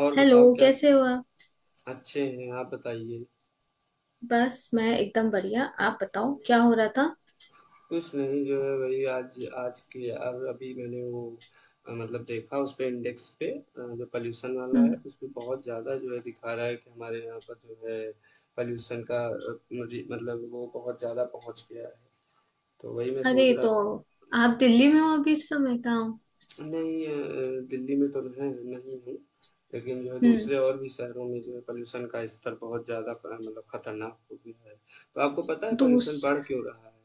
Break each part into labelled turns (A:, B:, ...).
A: और
B: हेलो,
A: बताओ क्या?
B: कैसे हो आप?
A: अच्छे हैं, आप बताइए।
B: बस, मैं एकदम बढ़िया। आप बताओ क्या हो रहा था?
A: कुछ नहीं, जो है वही। आज आज की अब अभी मैंने वो मतलब देखा उस पे, इंडेक्स पे जो पॉल्यूशन वाला है
B: हम्म।
A: उसमें बहुत ज़्यादा जो है दिखा रहा है कि हमारे यहाँ पर जो है पॉल्यूशन का, मतलब वो बहुत ज़्यादा पहुँच गया है। तो वही मैं
B: अरे
A: सोच रहा।
B: तो आप दिल्ली में हो? अभी इस समय कहाँ हो?
A: नहीं, दिल्ली में तो है नहीं हूँ, लेकिन जो है
B: हम्म।
A: दूसरे और भी शहरों में जो है पॉल्यूशन का स्तर बहुत ज़्यादा मतलब खतरनाक हो गया है। तो आपको पता है
B: दूस
A: पॉल्यूशन बढ़ क्यों रहा है?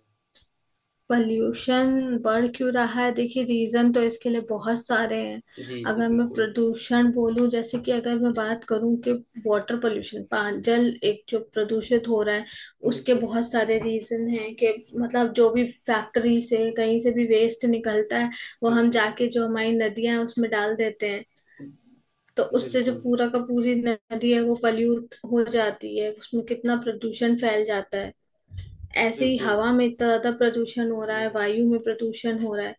B: पॉल्यूशन बढ़ क्यों रहा है? देखिए, रीजन तो इसके लिए बहुत सारे हैं।
A: जी, जी,
B: अगर मैं
A: बिल्कुल।
B: प्रदूषण बोलूं, जैसे कि अगर मैं बात करूं कि वाटर पोल्यूशन पान जल एक जो प्रदूषित हो रहा है, उसके
A: बिल्कुल,
B: बहुत सारे रीजन हैं कि मतलब जो भी फैक्ट्री से कहीं से भी वेस्ट निकलता है, वो हम
A: बिल्कुल,
B: जाके जो हमारी नदियां हैं उसमें डाल देते हैं। तो उससे जो
A: बिल्कुल,
B: पूरा का पूरी नदी है वो पल्यूट हो जाती है, उसमें कितना प्रदूषण फैल जाता है। ऐसे ही
A: बिल्कुल,
B: हवा में इतना ज्यादा प्रदूषण हो रहा है,
A: बिल्कुल,
B: वायु में प्रदूषण हो रहा है।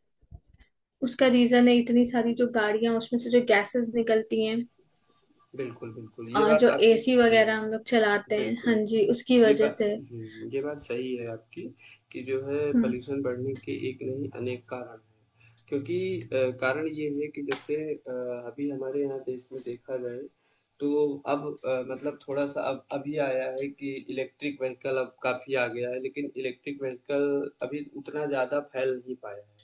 B: उसका रीजन है इतनी सारी जो गाड़ियां, उसमें से जो गैसेस निकलती हैं,
A: बिल्कुल, बिल्कुल, ये
B: और
A: बात
B: जो
A: आपकी स
B: एसी
A: सही
B: वगैरह हम
A: है।
B: लोग चलाते हैं, हाँ
A: बिल्कुल।
B: जी, उसकी
A: ये बा
B: वजह से।
A: हुँ, ये बात सही है आपकी कि जो है
B: हम्म।
A: पॉल्यूशन बढ़ने के एक नहीं अनेक कारण हैं। क्योंकि कारण ये है कि जैसे अभी हमारे यहाँ देश में देखा जाए तो अब मतलब थोड़ा-सा अब अभी आया है कि इलेक्ट्रिक व्हीकल अब काफ़ी आ गया है, लेकिन इलेक्ट्रिक व्हीकल अभी उतना ज़्यादा फैल नहीं पाया है।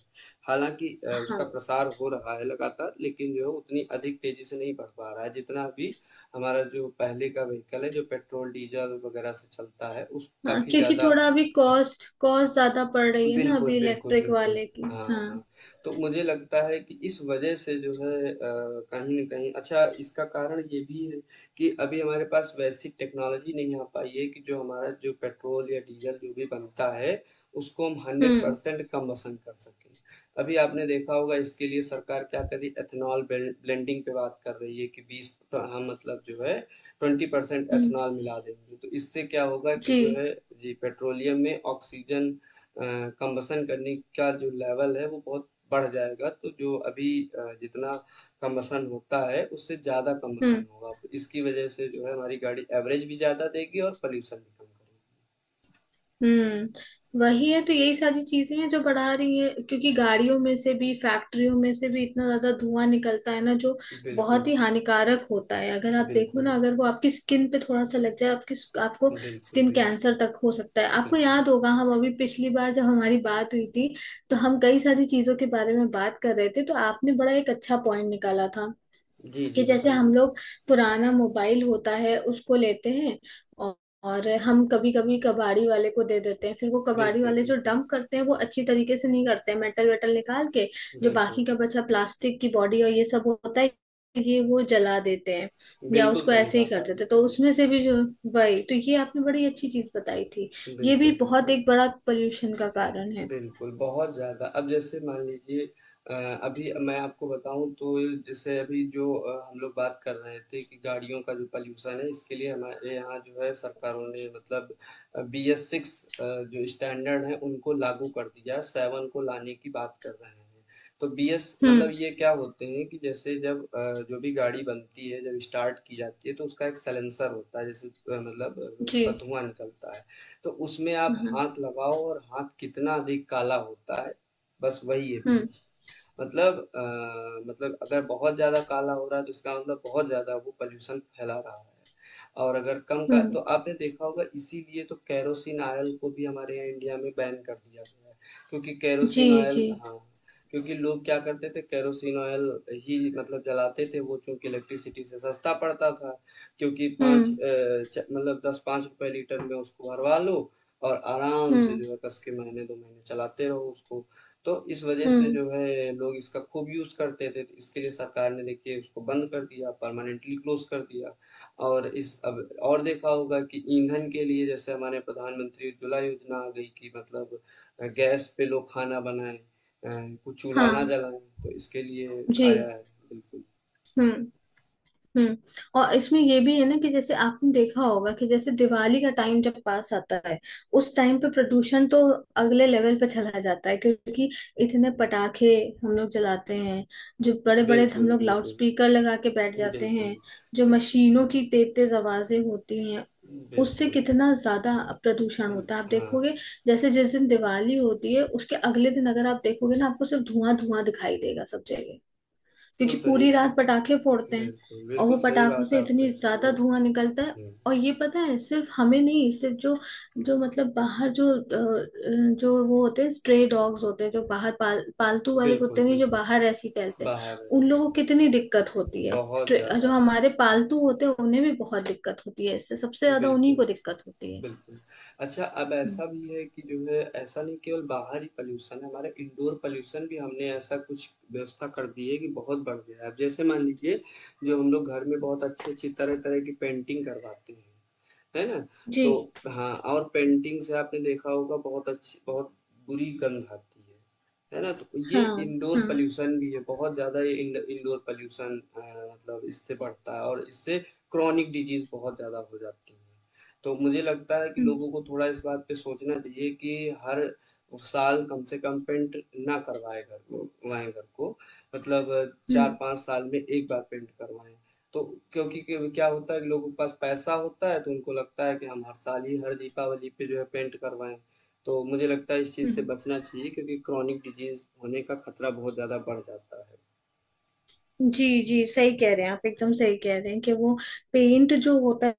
A: हालाँकि
B: हाँ,
A: उसका प्रसार हो रहा है लगातार, लेकिन जो है उतनी अधिक तेज़ी से नहीं बढ़ पा रहा है, जितना अभी हमारा जो पहले का व्हीकल है, जो पेट्रोल, डीज़ल वगैरह से चलता है, उस
B: हाँ,
A: काफ़ी
B: क्योंकि
A: ज़्यादा।
B: थोड़ा अभी
A: अ,
B: कॉस्ट कॉस्ट ज्यादा पड़ रही है ना,
A: बिल्कुल,
B: अभी
A: बिल्कुल,
B: इलेक्ट्रिक
A: बिल्कुल।
B: वाले की।
A: हाँ,
B: हाँ।
A: हाँ। तो मुझे लगता है कि इस वजह से जो है कहीं न कहीं अच्छा इसका कारण ये भी है कि अभी हमारे पास वैसी टेक्नोलॉजी नहीं आ पाई है कि जो हमारा जो पेट्रोल या डीज़ल जो भी बनता है, उसको हम
B: हम्म।
A: 100% कम वसन कर सकें। अभी आपने देखा होगा इसके लिए सरकार क्या कर रही है, एथेनॉल ब्लेंडिंग पे बात कर रही है कि 20 प हम मतलब जो है 20%
B: हम्म।
A: एथेनॉल मिला देंगे। तो इससे क्या होगा कि जो है
B: जी।
A: जी, पेट्रोलियम में ऑक्सीजन अ, कम्बसन करने का जो लेवल है वो बहुत बढ़ जाएगा, तो जो अभी जितना कम्बसन होता है उससे ज़्यादा कम्बसन
B: हम्म।
A: होगा। तो इसकी वज़ह से जो है हमारी गाड़ी एवरेज भी ज़्यादा देगी और पॉल्यूशन भी कम करेगी।
B: वही है, तो यही सारी चीजें हैं जो बढ़ा रही है, क्योंकि गाड़ियों में से भी, फैक्ट्रियों में से भी इतना ज्यादा धुआं निकलता है ना, जो बहुत
A: बिल्कुल,
B: ही हानिकारक होता है। अगर आप देखो
A: बिल्कुल,
B: ना, अगर वो आपकी स्किन पे थोड़ा सा लग जाए, आपकी आपको
A: बिल्कुल,
B: स्किन कैंसर तक हो सकता है। आपको
A: बिल्कुल।
B: याद होगा हम अभी पिछली बार जब हमारी बात हुई थी, तो हम कई सारी चीजों के बारे में बात कर रहे थे, तो आपने बड़ा एक अच्छा पॉइंट निकाला था
A: जी,
B: कि
A: जी
B: जैसे हम
A: बताइए।
B: लोग पुराना मोबाइल होता है उसको लेते हैं, और, और हम कभी कभी कबाड़ी वाले को दे देते हैं, फिर वो कबाड़ी
A: बिल्कुल,
B: वाले जो
A: बिल्कुल,
B: डंप करते हैं वो अच्छी तरीके से नहीं करते हैं, मेटल वेटल निकाल के जो
A: बिल्कुल।
B: बाकी का बचा प्लास्टिक की बॉडी और ये सब होता है, ये वो जला देते हैं या
A: बिल्कुल
B: उसको
A: सही
B: ऐसे ही
A: बात
B: कर
A: आपने
B: देते हैं। तो
A: कही।
B: उसमें से भी जो, वही तो ये आपने बड़ी अच्छी चीज बताई थी, ये भी
A: बिल्कुल,
B: बहुत
A: बिल्कुल।
B: एक बड़ा पोल्यूशन का कारण है।
A: बिल्कुल, बहुत ज़्यादा। अब जैसे मान लीजिए, अ, अभी मैं आपको बताऊँ तो, जैसे अभी जो हम लोग बात कर रहे थे कि गाड़ियों का जो पॉल्यूशन है, इसके लिए हमारे यहाँ जो है सरकारों ने मतलब बीएस 6 अ, जो स्टैंडर्ड है उनको लागू कर दिया, 7 को लाने की बात कर रहे हैं। तो बीएस मतलब
B: हम्म।
A: ये क्या होते हैं कि जैसे जब जो भी गाड़ी बनती है, जब स्टार्ट की जाती है तो उसका एक साइलेंसर होता है जैसे मतलब
B: जी।
A: उसका धुआँ निकलता है। तो उसमें आप
B: हाँ।
A: हाथ लगाओ और हाथ कितना अधिक काला होता है, बस वही है
B: हम्म।
A: पीयूष। मतलब मतलब अगर बहुत ज़्यादा काला हो रहा है तो इसका मतलब बहुत ज़्यादा वो पॉल्यूशन फैला रहा है। और अगर कम का, तो
B: हम्म।
A: आपने देखा होगा इसीलिए तो केरोसिन ऑयल को भी हमारे यहाँ इंडिया में बैन कर दिया गया है। क्योंकि
B: जी।
A: केरोसिन
B: जी।
A: ऑयल, हाँ, क्योंकि लोग क्या करते थे, केरोसिन ऑयल ही मतलब जलाते थे वो, चूंकि इलेक्ट्रिसिटी से सस्ता पड़ता था, क्योंकि पाँच
B: हम्म।
A: मतलब दस पाँच रुपए लीटर में उसको भरवा लो और आराम से
B: हम्म।
A: जो है कस के महीने दो महीने चलाते रहो उसको। तो इस वजह से
B: हम्म।
A: जो है लोग इसका खूब यूज करते थे, तो इसके लिए सरकार ने देखिए उसको बंद कर दिया, परमानेंटली क्लोज कर दिया। और इस अब और देखा होगा कि ईंधन के लिए जैसे हमारे प्रधानमंत्री उज्ज्वला योजना आ गई कि मतलब गैस पे लोग खाना बनाएं, कुछ चूल्हा ना
B: हाँ।
A: जलाएं, तो इसके लिए
B: जी।
A: आया है।
B: हम्म। हम्म। और इसमें ये भी है ना कि जैसे आपने देखा होगा कि जैसे दिवाली का टाइम जब पास आता है, उस टाइम पे प्रदूषण तो अगले लेवल पे चला जाता है, क्योंकि इतने पटाखे हम लोग जलाते हैं, जो बड़े बड़े हम
A: बिल्कुल
B: लोग लाउड
A: बिल्कुल
B: स्पीकर लगा के बैठ
A: बिल्कुल
B: जाते
A: बिल्कुल
B: हैं, जो मशीनों की तेज तेज आवाजें होती हैं,
A: बिल्कुल
B: उससे
A: बिल्कुल
B: कितना ज्यादा प्रदूषण होता है। आप
A: हाँ,
B: देखोगे, जैसे जिस दिन दिवाली होती है उसके अगले दिन अगर आप देखोगे ना, आपको सिर्फ धुआं धुआं दिखाई देगा सब जगह, क्योंकि
A: बिल्कुल सही,
B: पूरी रात पटाखे फोड़ते हैं।
A: बिल्कुल
B: और वो
A: बिल्कुल सही
B: पटाखों
A: बात
B: से
A: आप कह
B: इतनी
A: रहे
B: ज्यादा
A: हो।
B: धुआं निकलता है।
A: हम्म,
B: और ये पता है, सिर्फ हमें नहीं, सिर्फ जो, मतलब बाहर जो जो वो होते हैं, स्ट्रे डॉग्स होते हैं जो बाहर, पालतू वाले
A: बिल्कुल
B: कुत्ते नहीं, जो
A: बिल्कुल
B: बाहर ऐसे ही टहलते हैं,
A: बाहर
B: उन
A: रहते
B: लोगों को कितनी दिक्कत होती
A: हैं,
B: है।
A: बहुत
B: स्ट्रे जो
A: ज्यादा,
B: हमारे पालतू होते हैं उन्हें भी बहुत दिक्कत होती है, इससे सबसे ज्यादा
A: बिल्कुल,
B: उन्हीं को दिक्कत होती है।
A: बिल्कुल। अच्छा, अब
B: हम्म।
A: ऐसा भी है कि जो है ऐसा नहीं केवल बाहर ही पॉल्यूशन है, हमारे इंडोर पॉल्यूशन भी हमने ऐसा कुछ व्यवस्था कर दी है कि बहुत बढ़ गया है। अब जैसे मान लीजिए जो हम लोग घर में बहुत अच्छी-अच्छी तरह-तरह की पेंटिंग करवाते हैं, है ना?
B: जी।
A: तो हाँ, और पेंटिंग से आपने देखा होगा बहुत अच्छी बहुत बुरी गंध आती है ना? तो ये
B: हाँ।
A: इंडोर
B: हाँ।
A: पॉल्यूशन भी है, बहुत ज़्यादा, ये इंडोर पॉल्यूशन मतलब इससे बढ़ता है और इससे क्रॉनिक डिजीज़ बहुत ज़्यादा हो जाती है। तो मुझे लगता है कि
B: हम्म।
A: लोगों को थोड़ा इस बात पे सोचना चाहिए कि हर साल कम से कम पेंट ना करवाएं घर को, करवाएं घर को। मतलब
B: हम्म।
A: 4-5 साल में 1 बार पेंट करवाएँ। तो क्योंकि क्यों क्या होता है कि लोगों के पास पैसा होता है तो उनको लगता है कि हम हर साल ही हर दीपावली पे जो है पेंट करवाएं। तो मुझे लगता है इस चीज़ से
B: हम्म।
A: बचना चाहिए, क्योंकि क्रॉनिक डिजीज होने का खतरा बहुत ज़्यादा बढ़ जाता
B: जी, जी, सही कह रहे हैं आप, एकदम सही कह रहे हैं कि वो पेंट जो होता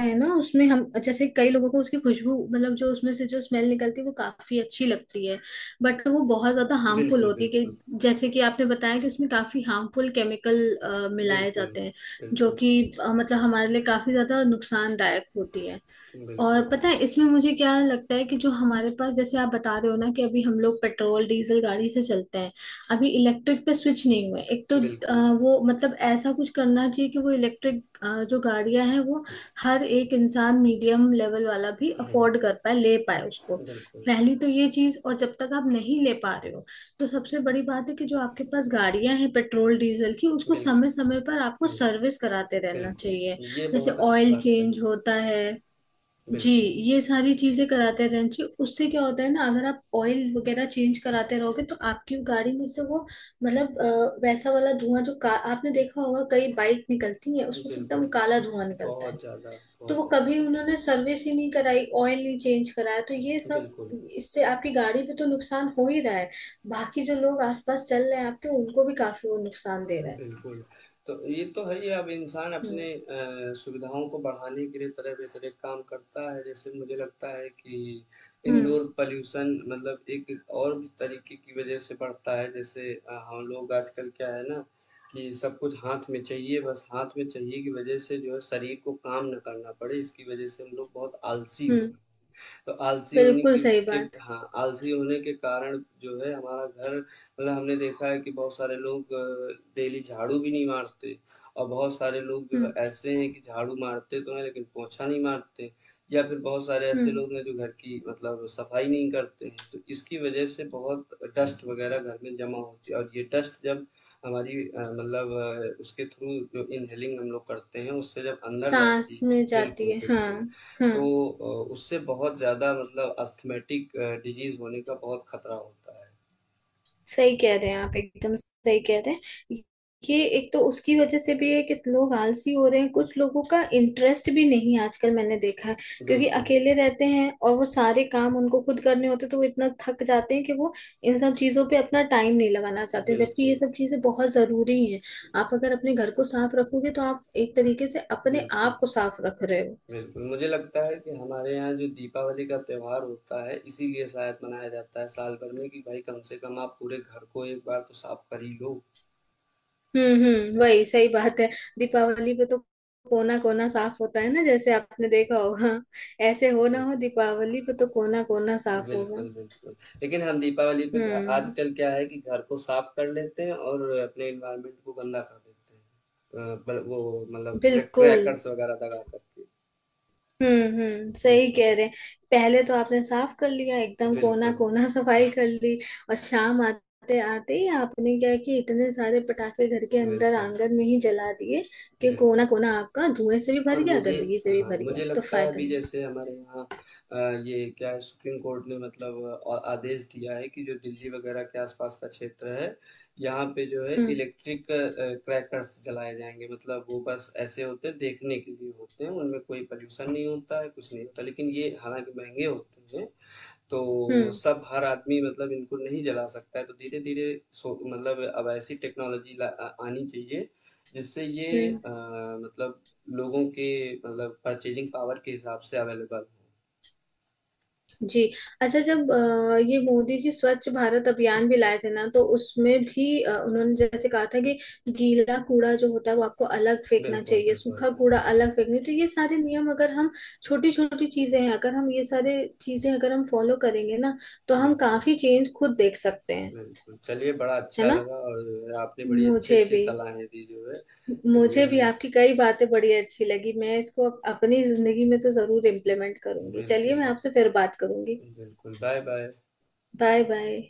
B: है ना, उसमें हम जैसे कई लोगों को उसकी खुशबू, मतलब जो उसमें से जो स्मेल निकलती है वो काफी अच्छी लगती है, बट वो बहुत ज्यादा
A: है।
B: हार्मफुल
A: बिल्कुल
B: होती है कि
A: बिल्कुल
B: जैसे कि आपने बताया कि उसमें काफी हार्मफुल केमिकल मिलाए
A: बिल्कुल
B: जाते हैं, जो
A: बिल्कुल
B: कि मतलब हमारे लिए काफी ज्यादा नुकसानदायक होती है।
A: बिल्कुल
B: और पता है इसमें मुझे क्या लगता है कि जो हमारे पास, जैसे आप बता रहे हो ना, कि अभी हम लोग पेट्रोल डीजल गाड़ी से चलते हैं, अभी इलेक्ट्रिक पे स्विच नहीं हुए, एक तो
A: बिल्कुल
B: वो मतलब ऐसा कुछ करना चाहिए कि वो इलेक्ट्रिक जो गाड़ियां हैं वो हर एक इंसान, मीडियम लेवल वाला भी
A: हम्म
B: अफोर्ड कर पाए, ले पाए उसको।
A: बिल्कुल
B: पहली तो ये चीज, और जब तक आप नहीं ले पा रहे हो, तो सबसे बड़ी बात है कि जो आपके पास गाड़ियां हैं पेट्रोल डीजल की, उसको
A: बिल्कुल
B: समय समय पर आपको
A: हम्म
B: सर्विस कराते रहना
A: बिल्कुल
B: चाहिए,
A: ये
B: जैसे
A: बहुत अच्छी
B: ऑयल
A: बात
B: चेंज
A: कही
B: होता है। जी।
A: बिल्कुल
B: ये सारी चीजें कराते रहना चाहिए, उससे क्या होता है ना, अगर आप ऑयल वगैरह चेंज कराते रहोगे तो आपकी गाड़ी में से वो, मतलब वैसा वाला धुआं, जो का आपने देखा होगा कई बाइक निकलती है उसमें से एकदम
A: बिल्कुल
B: काला धुआं निकलता है,
A: बहुत ज़्यादा
B: तो
A: बहुत
B: वो
A: ज़्यादा
B: कभी उन्होंने सर्विस ही नहीं कराई, ऑयल नहीं चेंज कराया, तो ये सब,
A: बिल्कुल
B: इससे आपकी गाड़ी पे तो नुकसान हो ही रहा है, बाकी जो लोग आसपास चल रहे हैं आपके, उनको भी काफी वो नुकसान दे रहा है।
A: बिल्कुल। तो ये तो है ही, अब इंसान
B: हम्म।
A: अपने सुविधाओं को बढ़ाने के लिए तरह-तरह काम करता है। जैसे मुझे लगता है कि
B: हम्म।
A: इंडोर पॉल्यूशन मतलब एक और भी तरीके की वजह से बढ़ता है, जैसे हम लोग आजकल क्या है ना कि सब कुछ हाथ में चाहिए, बस हाथ में चाहिए की वजह से जो है शरीर को काम ना करना पड़े, इसकी वजह से हम लोग बहुत आलसी हो
B: हम्म।
A: गए। तो आलसी होने
B: बिल्कुल
A: की
B: सही
A: के
B: बात।
A: हाँ, आलसी होने के कारण जो है हमारा घर मतलब हमने देखा है कि बहुत सारे लोग डेली झाड़ू भी नहीं मारते, और बहुत सारे लोग जो है
B: हम्म।
A: ऐसे हैं कि झाड़ू मारते तो हैं लेकिन पोछा नहीं मारते, या फिर बहुत सारे ऐसे
B: हम्म।
A: लोग हैं जो घर की मतलब सफाई नहीं करते हैं। तो इसकी वजह से बहुत डस्ट वगैरह घर में जमा होती है और ये डस्ट जब हमारी मतलब उसके थ्रू जो इनहेलिंग हम लोग करते हैं उससे जब अंदर जाती
B: सांस
A: है,
B: में जाती
A: बिल्कुल
B: है, हाँ।
A: बिल्कुल, तो
B: हाँ।
A: उससे बहुत ज़्यादा मतलब अस्थमैटिक डिजीज़ होने का बहुत खतरा होता है।
B: सही कह रहे हैं आप, एकदम सही कह रहे हैं। ये एक तो उसकी वजह से भी है कि लोग आलसी हो रहे हैं, कुछ लोगों का इंटरेस्ट भी नहीं है आजकल, मैंने देखा है, क्योंकि
A: बिल्कुल,
B: अकेले रहते हैं और वो सारे काम उनको खुद करने होते हैं, तो वो इतना थक जाते हैं कि वो इन सब चीजों पे अपना टाइम नहीं लगाना चाहते, जबकि ये
A: बिल्कुल,
B: सब चीजें बहुत जरूरी हैं। आप अगर अपने घर को साफ रखोगे तो आप एक तरीके से अपने
A: बिल्कुल,
B: आप को साफ रख रहे हो।
A: बिल्कुल। मुझे लगता है कि हमारे यहाँ जो दीपावली का त्योहार होता है, इसीलिए शायद मनाया जाता है साल भर में कि भाई कम से कम आप पूरे घर को एक बार तो साफ कर ही लो।
B: हम्म। वही सही बात है, दीपावली पे तो कोना कोना साफ होता है ना, जैसे आपने देखा होगा, ऐसे हो ना
A: बिल्कुल,
B: हो, दीपावली पे तो कोना कोना साफ होगा।
A: बिल्कुल, बिल्कुल। लेकिन हम दीपावली पे घ
B: हम्म।
A: आजकल क्या है कि घर को साफ कर लेते हैं और अपने एनवायरनमेंट को गंदा कर देते हैं। पर वो मतलब
B: बिल्कुल।
A: क्रैकर्स वगैरह लगा करके।
B: हम्म। हम्म, सही
A: बिल्कुल।
B: कह रहे हैं। पहले तो आपने साफ कर लिया एकदम कोना
A: बिल्कुल,
B: कोना सफाई कर ली, और शाम आते आते ही आपने क्या कि इतने सारे पटाखे घर के अंदर
A: बिल्कुल,
B: आंगन में ही जला दिए, कि कोना
A: बिल्कुल।
B: कोना आपका धुएं से भी भर
A: और
B: गया,
A: मुझे,
B: गंदगी से भी
A: हाँ,
B: भर गया,
A: मुझे
B: तो
A: लगता है
B: फायदा
A: अभी
B: नहीं।
A: जैसे हमारे यहाँ अ, ये क्या है, सुप्रीम कोर्ट ने मतलब आदेश दिया है कि जो दिल्ली वगैरह के आसपास का क्षेत्र है, यहाँ पे जो है
B: हम्म।
A: इलेक्ट्रिक क्रैकर्स जलाए जाएँगे। मतलब वो बस ऐसे होते हैं देखने के लिए होते हैं, उनमें कोई पॉल्यूशन नहीं होता है, कुछ नहीं होता। लेकिन ये हालाँकि महँगे होते हैं, तो
B: हम्म।
A: सब हर आदमी मतलब इनको नहीं जला सकता है, तो धीरे धीरे सो मतलब अब ऐसी टेक्नोलॉजी आनी चाहिए जिससे ये
B: हम्म।
A: मतलब लोगों के मतलब परचेजिंग पावर के हिसाब से अवेलेबल हो।
B: जी। अच्छा, जब ये मोदी जी स्वच्छ भारत अभियान भी लाए थे ना, तो उसमें भी उन्होंने जैसे कहा था कि गीला कूड़ा जो होता है वो आपको अलग फेंकना
A: बिल्कुल
B: चाहिए,
A: बिल्कुल
B: सूखा कूड़ा
A: बिल्कुल
B: अलग फेंकना चाहिए, तो ये सारे नियम अगर हम, छोटी छोटी चीजें हैं, अगर हम ये सारे चीजें अगर हम फॉलो करेंगे ना, तो हम
A: बिल्कुल
B: काफी चेंज खुद देख सकते हैं।
A: बिल्कुल चलिए, बड़ा
B: है
A: अच्छा
B: ना।
A: लगा। और जो है, आपने बड़ी अच्छी
B: मुझे
A: अच्छी
B: भी
A: सलाहें दी जो है। चलिए
B: मुझे
A: हम
B: भी
A: लोग,
B: आपकी कई बातें बड़ी अच्छी लगी, मैं इसको अपनी जिंदगी में तो जरूर इम्प्लीमेंट करूंगी। चलिए,
A: बिल्कुल
B: मैं आपसे
A: बिल्कुल,
B: फिर बात करूंगी।
A: बिल्कुल बाय बाय।
B: Bye bye.